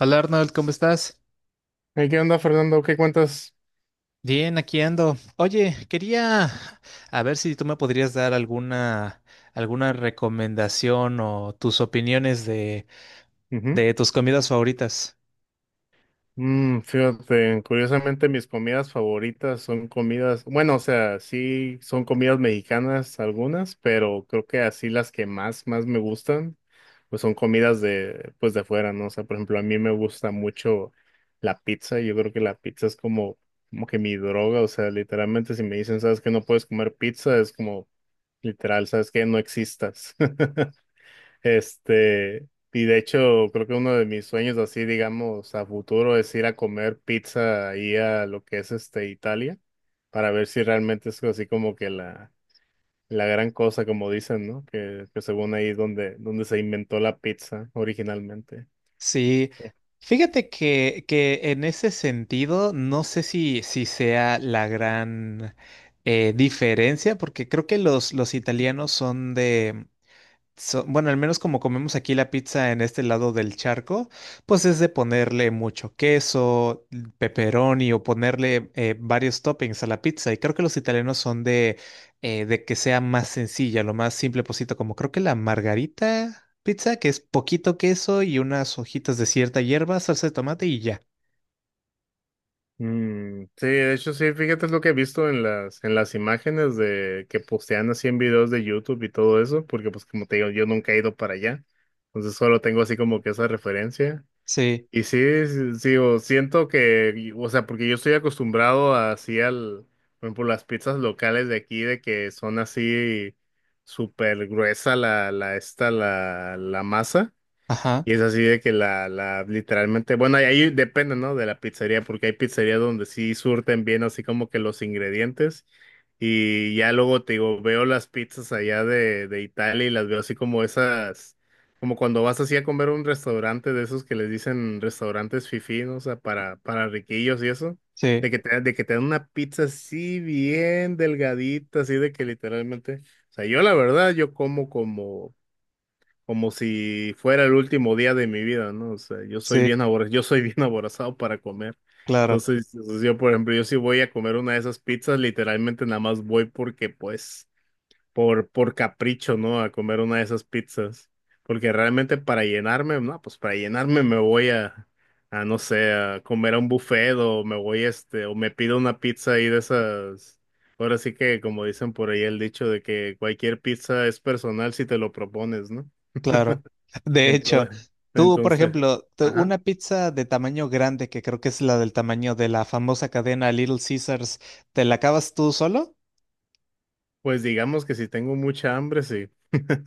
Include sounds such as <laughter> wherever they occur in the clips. Hola Arnold, ¿cómo estás? Hey, ¿qué onda, Fernando? ¿Qué cuentas? Bien, aquí ando. Oye, quería a ver si tú me podrías dar alguna recomendación o tus opiniones de, Ujú. de tus comidas favoritas. Fíjate, curiosamente mis comidas favoritas son comidas, bueno, o sea, sí son comidas mexicanas algunas, pero creo que así las que más me gustan, pues son comidas de, pues de afuera, ¿no? O sea, por ejemplo, a mí me gusta mucho la pizza, yo creo que la pizza es como, como que mi droga, o sea, literalmente si me dicen, ¿sabes que No puedes comer pizza, es como, literal, ¿sabes que No existas. <laughs> Este, y de hecho, creo que uno de mis sueños así, digamos, a futuro es ir a comer pizza ahí a lo que es este Italia, para ver si realmente es así como que la gran cosa, como dicen, ¿no? Que según ahí es donde, donde se inventó la pizza originalmente. Sí, fíjate que en ese sentido no sé si sea la gran diferencia, porque creo que los italianos son de bueno, al menos como comemos aquí la pizza en este lado del charco, pues es de ponerle mucho queso, pepperoni o ponerle varios toppings a la pizza. Y creo que los italianos son de que sea más sencilla, lo más simple posible, como creo que la margarita pizza, que es poquito queso y unas hojitas de cierta hierba, salsa de tomate y ya. Mm, sí, de hecho sí, fíjate es lo que he visto en las imágenes de que postean así en videos de YouTube y todo eso, porque pues como te digo, yo nunca he ido para allá, entonces solo tengo así como que esa referencia. Sí, Y sí, sí, sí, o siento que, o sea, porque yo estoy acostumbrado así al, por ejemplo, las pizzas locales de aquí, de que son así súper gruesa la masa. ajá, Y es así de que literalmente, bueno, ahí depende, ¿no? De la pizzería, porque hay pizzerías donde sí surten bien así como que los ingredientes. Y ya luego te digo, veo las pizzas allá de Italia y las veo así como esas, como cuando vas así a comer a un restaurante de esos que les dicen restaurantes fifí, ¿no? O sea, para riquillos y eso. sí, De que te dan una pizza así bien delgadita, así de que literalmente. O sea, yo la verdad, yo como como si fuera el último día de mi vida, ¿no? O sea, yo soy sí, yo soy bien <laughs> aborazado para comer. claro. Entonces, o yo, por ejemplo, yo sí voy a comer una de esas pizzas, literalmente nada más voy porque, pues, por capricho, ¿no? A comer una de esas pizzas. Porque realmente para llenarme, no, pues para llenarme me voy a no sé, a comer a un buffet o me voy, este, o me pido una pizza ahí de esas. Ahora sí que, como dicen por ahí el dicho de que cualquier pizza es personal si te lo propones, ¿no? Claro. <laughs> De hecho, Entonces, entonces, tú, por entonces, ejemplo, ajá. una pizza de tamaño grande, que creo que es la del tamaño de la famosa cadena Little Caesars, ¿te la acabas tú solo? Pues digamos que si tengo mucha hambre, sí. <laughs>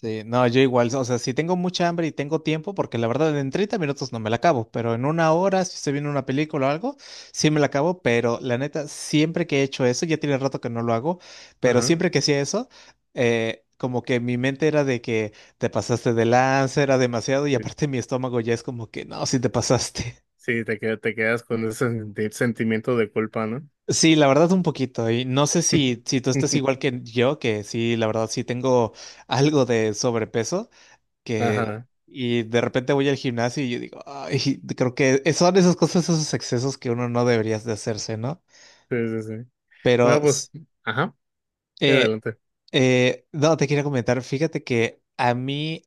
Sí, no, yo igual, o sea, si tengo mucha hambre y tengo tiempo, porque la verdad en 30 minutos no me la acabo, pero en una hora, si se viene una película o algo, sí me la acabo, pero la neta, siempre que he hecho eso, ya tiene rato que no lo hago, pero Ajá. siempre que hacía eso, como que mi mente era de que te pasaste de lanza, era demasiado, y Sí, aparte mi estómago ya es como que, no, si te pasaste. <laughs> sí, te quedas con ese sentimiento de culpa, ¿no? Sí, la verdad un poquito, y no sé si tú estás igual <laughs> que yo, que sí, la verdad sí tengo algo de sobrepeso. Que Ajá. Y de repente voy al gimnasio y yo digo, ay, creo que son esas cosas, esos excesos que uno no debería de hacerse, ¿no? Sí, sí, sí. Pero, No, pues, ajá. Sí, eh, adelante. No, te quería comentar, fíjate que a mí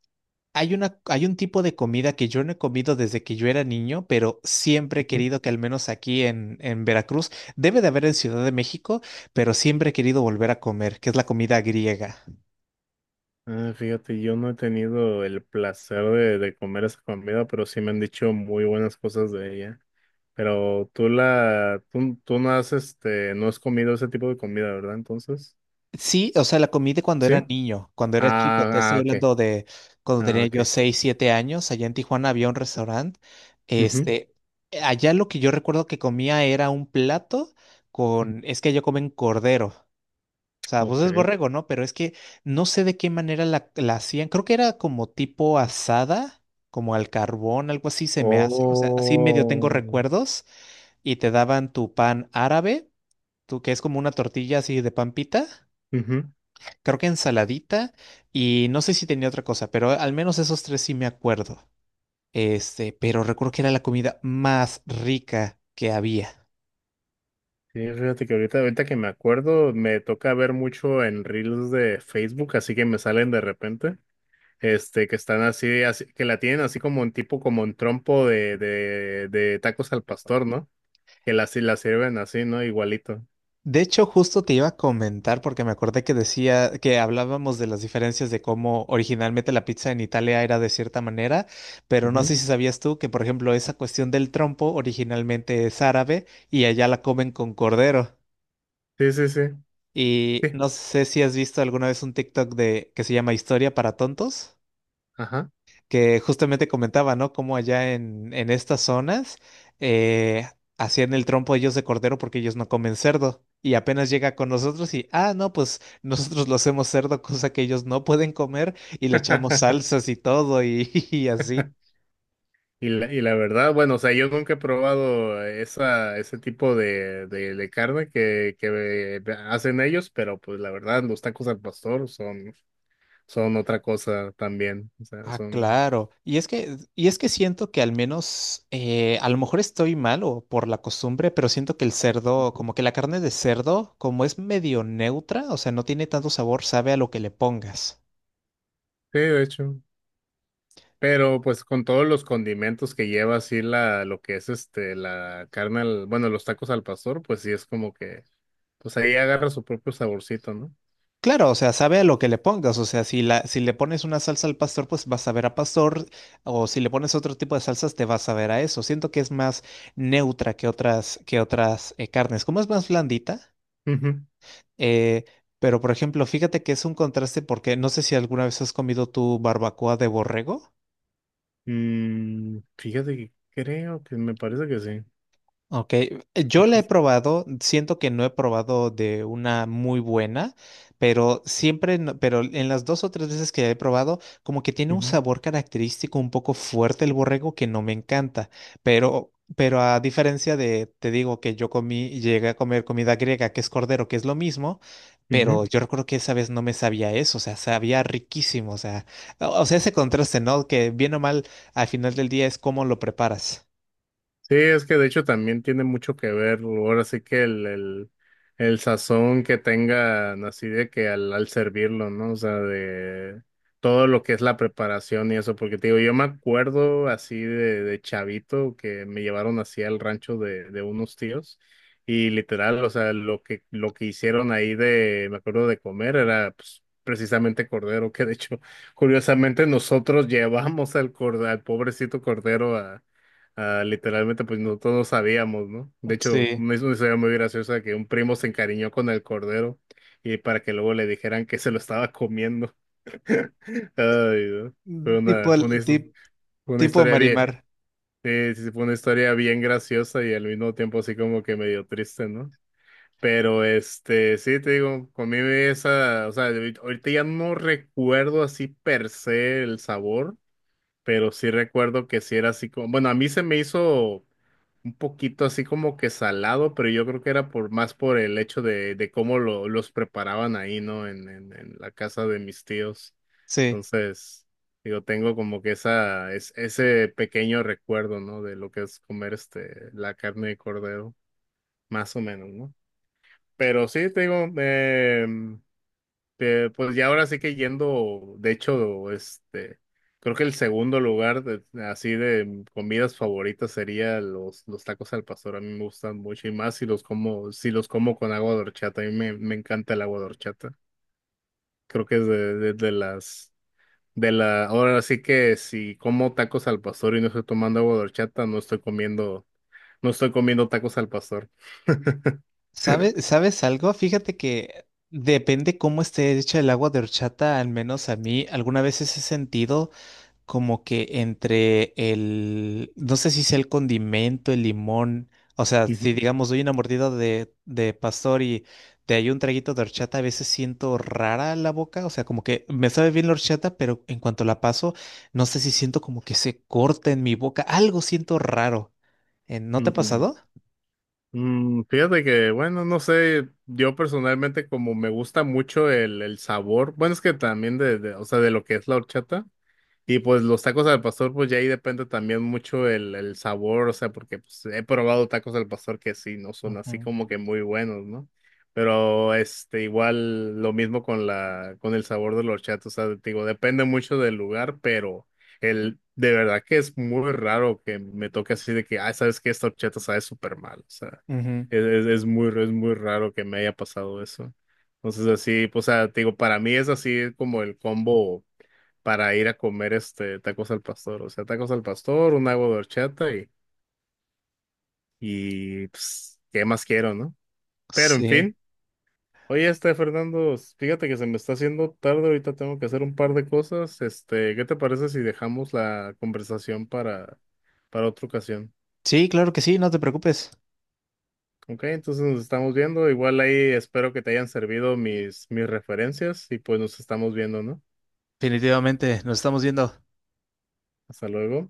hay un tipo de comida que yo no he comido desde que yo era niño, pero siempre he Ujú. querido que al menos aquí en Veracruz, debe de haber en Ciudad de México, pero siempre he querido volver a comer, que es la comida griega. Ah, fíjate, yo no he tenido el placer de comer esa comida, pero sí me han dicho muy buenas cosas de ella. Pero tú no has, este, no has comido ese tipo de comida, ¿verdad? Entonces, Sí, o sea, la comí de cuando ¿sí? era niño, cuando era chico. Te Ah, ah, estoy ok. hablando de cuando Ah, tenía yo ok. 6, 7 años. Allá en Tijuana había un restaurante. Ujú, Este, allá lo que yo recuerdo que comía era un plato ujú, con, es que ellos comen cordero. O sea, pues ok. es borrego, ¿no? Pero es que no sé de qué manera la hacían. Creo que era como tipo asada, como al carbón, algo así se me hace. O sea, así medio tengo Oh. recuerdos. Y te daban tu pan árabe, tú que es como una tortilla así de pan pita Ujú. creo que ensaladita y no sé si tenía otra cosa, pero al menos esos tres sí me acuerdo. Este, pero recuerdo que era la comida más rica que había. Sí, fíjate que ahorita que me acuerdo, me toca ver mucho en reels de Facebook, así que me salen de repente, este, que están que la tienen así como un tipo, como un trompo de tacos al pastor, ¿no? Que la, sí la sirven así, ¿no? Igualito. De hecho, justo te iba a comentar porque me acordé que decía que hablábamos de las diferencias de cómo originalmente la pizza en Italia era de cierta manera, pero no Ujú. sé si sabías tú que, por ejemplo, esa cuestión del trompo originalmente es árabe y allá la comen con cordero. Sí, sí, sí. Y Sí. no sé si has visto alguna vez un TikTok de que se llama Historia para tontos, Ajá. que justamente comentaba, ¿no? Como allá en estas zonas eh, hacían el trompo ellos de cordero porque ellos no comen cerdo. Y apenas llega con nosotros y, ah, no, pues nosotros lo hacemos cerdo, cosa que ellos no pueden comer, y le echamos <laughs> salsas y todo y, <laughs> y así. Y la verdad, bueno, o sea, yo nunca he probado esa, ese tipo de carne que hacen ellos, pero pues la verdad, los tacos al pastor son, son otra cosa también. O sea, Ah, son, claro. Y es que siento que al menos, a lo mejor estoy mal o por la costumbre, pero siento que el cerdo, como que la carne de cerdo, como es medio neutra, o sea, no tiene tanto sabor, sabe a lo que le pongas. sí, de hecho. Pero pues con todos los condimentos que lleva así la, lo que es este, la carne, bueno, los tacos al pastor, pues sí es como que, pues ahí agarra su propio saborcito, ¿no? Claro, o sea, sabe a lo que le pongas, o sea, si le pones una salsa al pastor, pues vas a ver a pastor, o si le pones otro tipo de salsas, te vas a ver a eso. Siento que es más neutra que otras carnes. Como es más blandita, Ujú. eh, pero por ejemplo, fíjate que es un contraste porque no sé si alguna vez has comido tu barbacoa de borrego. Mm, fíjate que creo que me parece que sí. Ok, yo la he Tacos. probado, siento que no he probado de una muy buena, pero siempre, pero en las dos o tres veces que la he probado, como que tiene un Ujú, sabor característico un poco fuerte el borrego que no me encanta, pero a diferencia de, te digo que yo comí, llegué a comer comida griega, que es cordero, que es lo mismo, ujú. pero yo recuerdo que esa vez no me sabía eso, o sea, sabía riquísimo, o sea, o sea, ese contraste, ¿no? Que bien o mal, al final del día es cómo lo preparas. Sí, es que de hecho también tiene mucho que ver, ahora sí que el sazón que tengan así de que al servirlo, ¿no? O sea, de todo lo que es la preparación y eso, porque te digo, yo me acuerdo así de chavito que me llevaron así al rancho de unos tíos y literal, o sea, lo que hicieron ahí de, me acuerdo de comer era pues precisamente cordero, que de hecho, curiosamente nosotros <laughs> llevamos al pobrecito cordero a. Ah, literalmente, pues nosotros no todos sabíamos, ¿no? De hecho, Sí. es una historia muy graciosa que un primo se encariñó con el cordero y para que luego le dijeran que se lo estaba comiendo. <laughs> Ay, no. Fue Tipo, una, fue una, his- fue una tipo historia bien, Marimar, sí, sí, sí, fue una historia bien graciosa y al mismo tiempo así como que medio triste, ¿no? Pero este, sí, te digo, conmigo esa, o sea, ahorita ya no recuerdo así per se el sabor, pero sí recuerdo que sí era así como, bueno, a mí se me hizo un poquito así como que salado, pero yo creo que era por más por el hecho de cómo lo, los preparaban ahí, ¿no? En la casa de mis tíos. sí. Entonces, digo, tengo como que ese pequeño recuerdo, ¿no? De lo que es comer este, la carne de cordero, más o menos, ¿no? Pero sí, te digo, pues ya ahora sí que yendo, de hecho, este, creo que el segundo lugar así de comidas favoritas sería los tacos al pastor. A mí me gustan mucho y más si los como, si los como con agua de horchata. A mí me encanta el agua de horchata. Creo que es de de la, ahora sí que si como tacos al pastor y no estoy tomando agua de horchata, no estoy comiendo, no estoy comiendo tacos al pastor. <laughs> ¿Sabes algo? Fíjate que depende cómo esté hecha el agua de horchata, al menos a mí, alguna vez he sentido como que entre el, no sé si sea el condimento, el limón, o sea, si digamos doy una mordida de pastor y te hay un traguito de horchata, a veces siento rara la boca, o sea, como que me sabe bien la horchata, pero en cuanto la paso, no sé si siento como que se corta en mi boca, algo siento raro. ¿No te ha Ujú. pasado? Mm, fíjate que, bueno, no sé, yo personalmente como me gusta mucho el sabor, bueno, es que también o sea, de lo que es la horchata. Y pues los tacos al pastor, pues ya ahí depende también mucho el sabor, o sea, porque pues, he probado tacos al pastor que sí, no son así Ujú, como que muy buenos, ¿no? Pero este, igual lo mismo con la, con el sabor de los chatos, o sea, te digo, depende mucho del lugar, pero el, de verdad que es muy raro que me toque así de que, ah, sabes que esta horchata sabe súper mal, o sea, ujú. Es muy raro que me haya pasado eso. Entonces así, pues, o sea, te digo, para mí es así como el combo para ir a comer este tacos al pastor. O sea, tacos al pastor, un agua de horchata y pues, ¿qué más quiero, no? Pero en Sí, fin, oye, este Fernando, fíjate que se me está haciendo tarde, ahorita tengo que hacer un par de cosas. Este, ¿qué te parece si dejamos la conversación para otra ocasión? Sí, claro que sí, no te preocupes. Ok, entonces nos estamos viendo. Igual ahí espero que te hayan servido mis referencias y pues nos estamos viendo, ¿no? Definitivamente, nos estamos viendo. Hasta luego.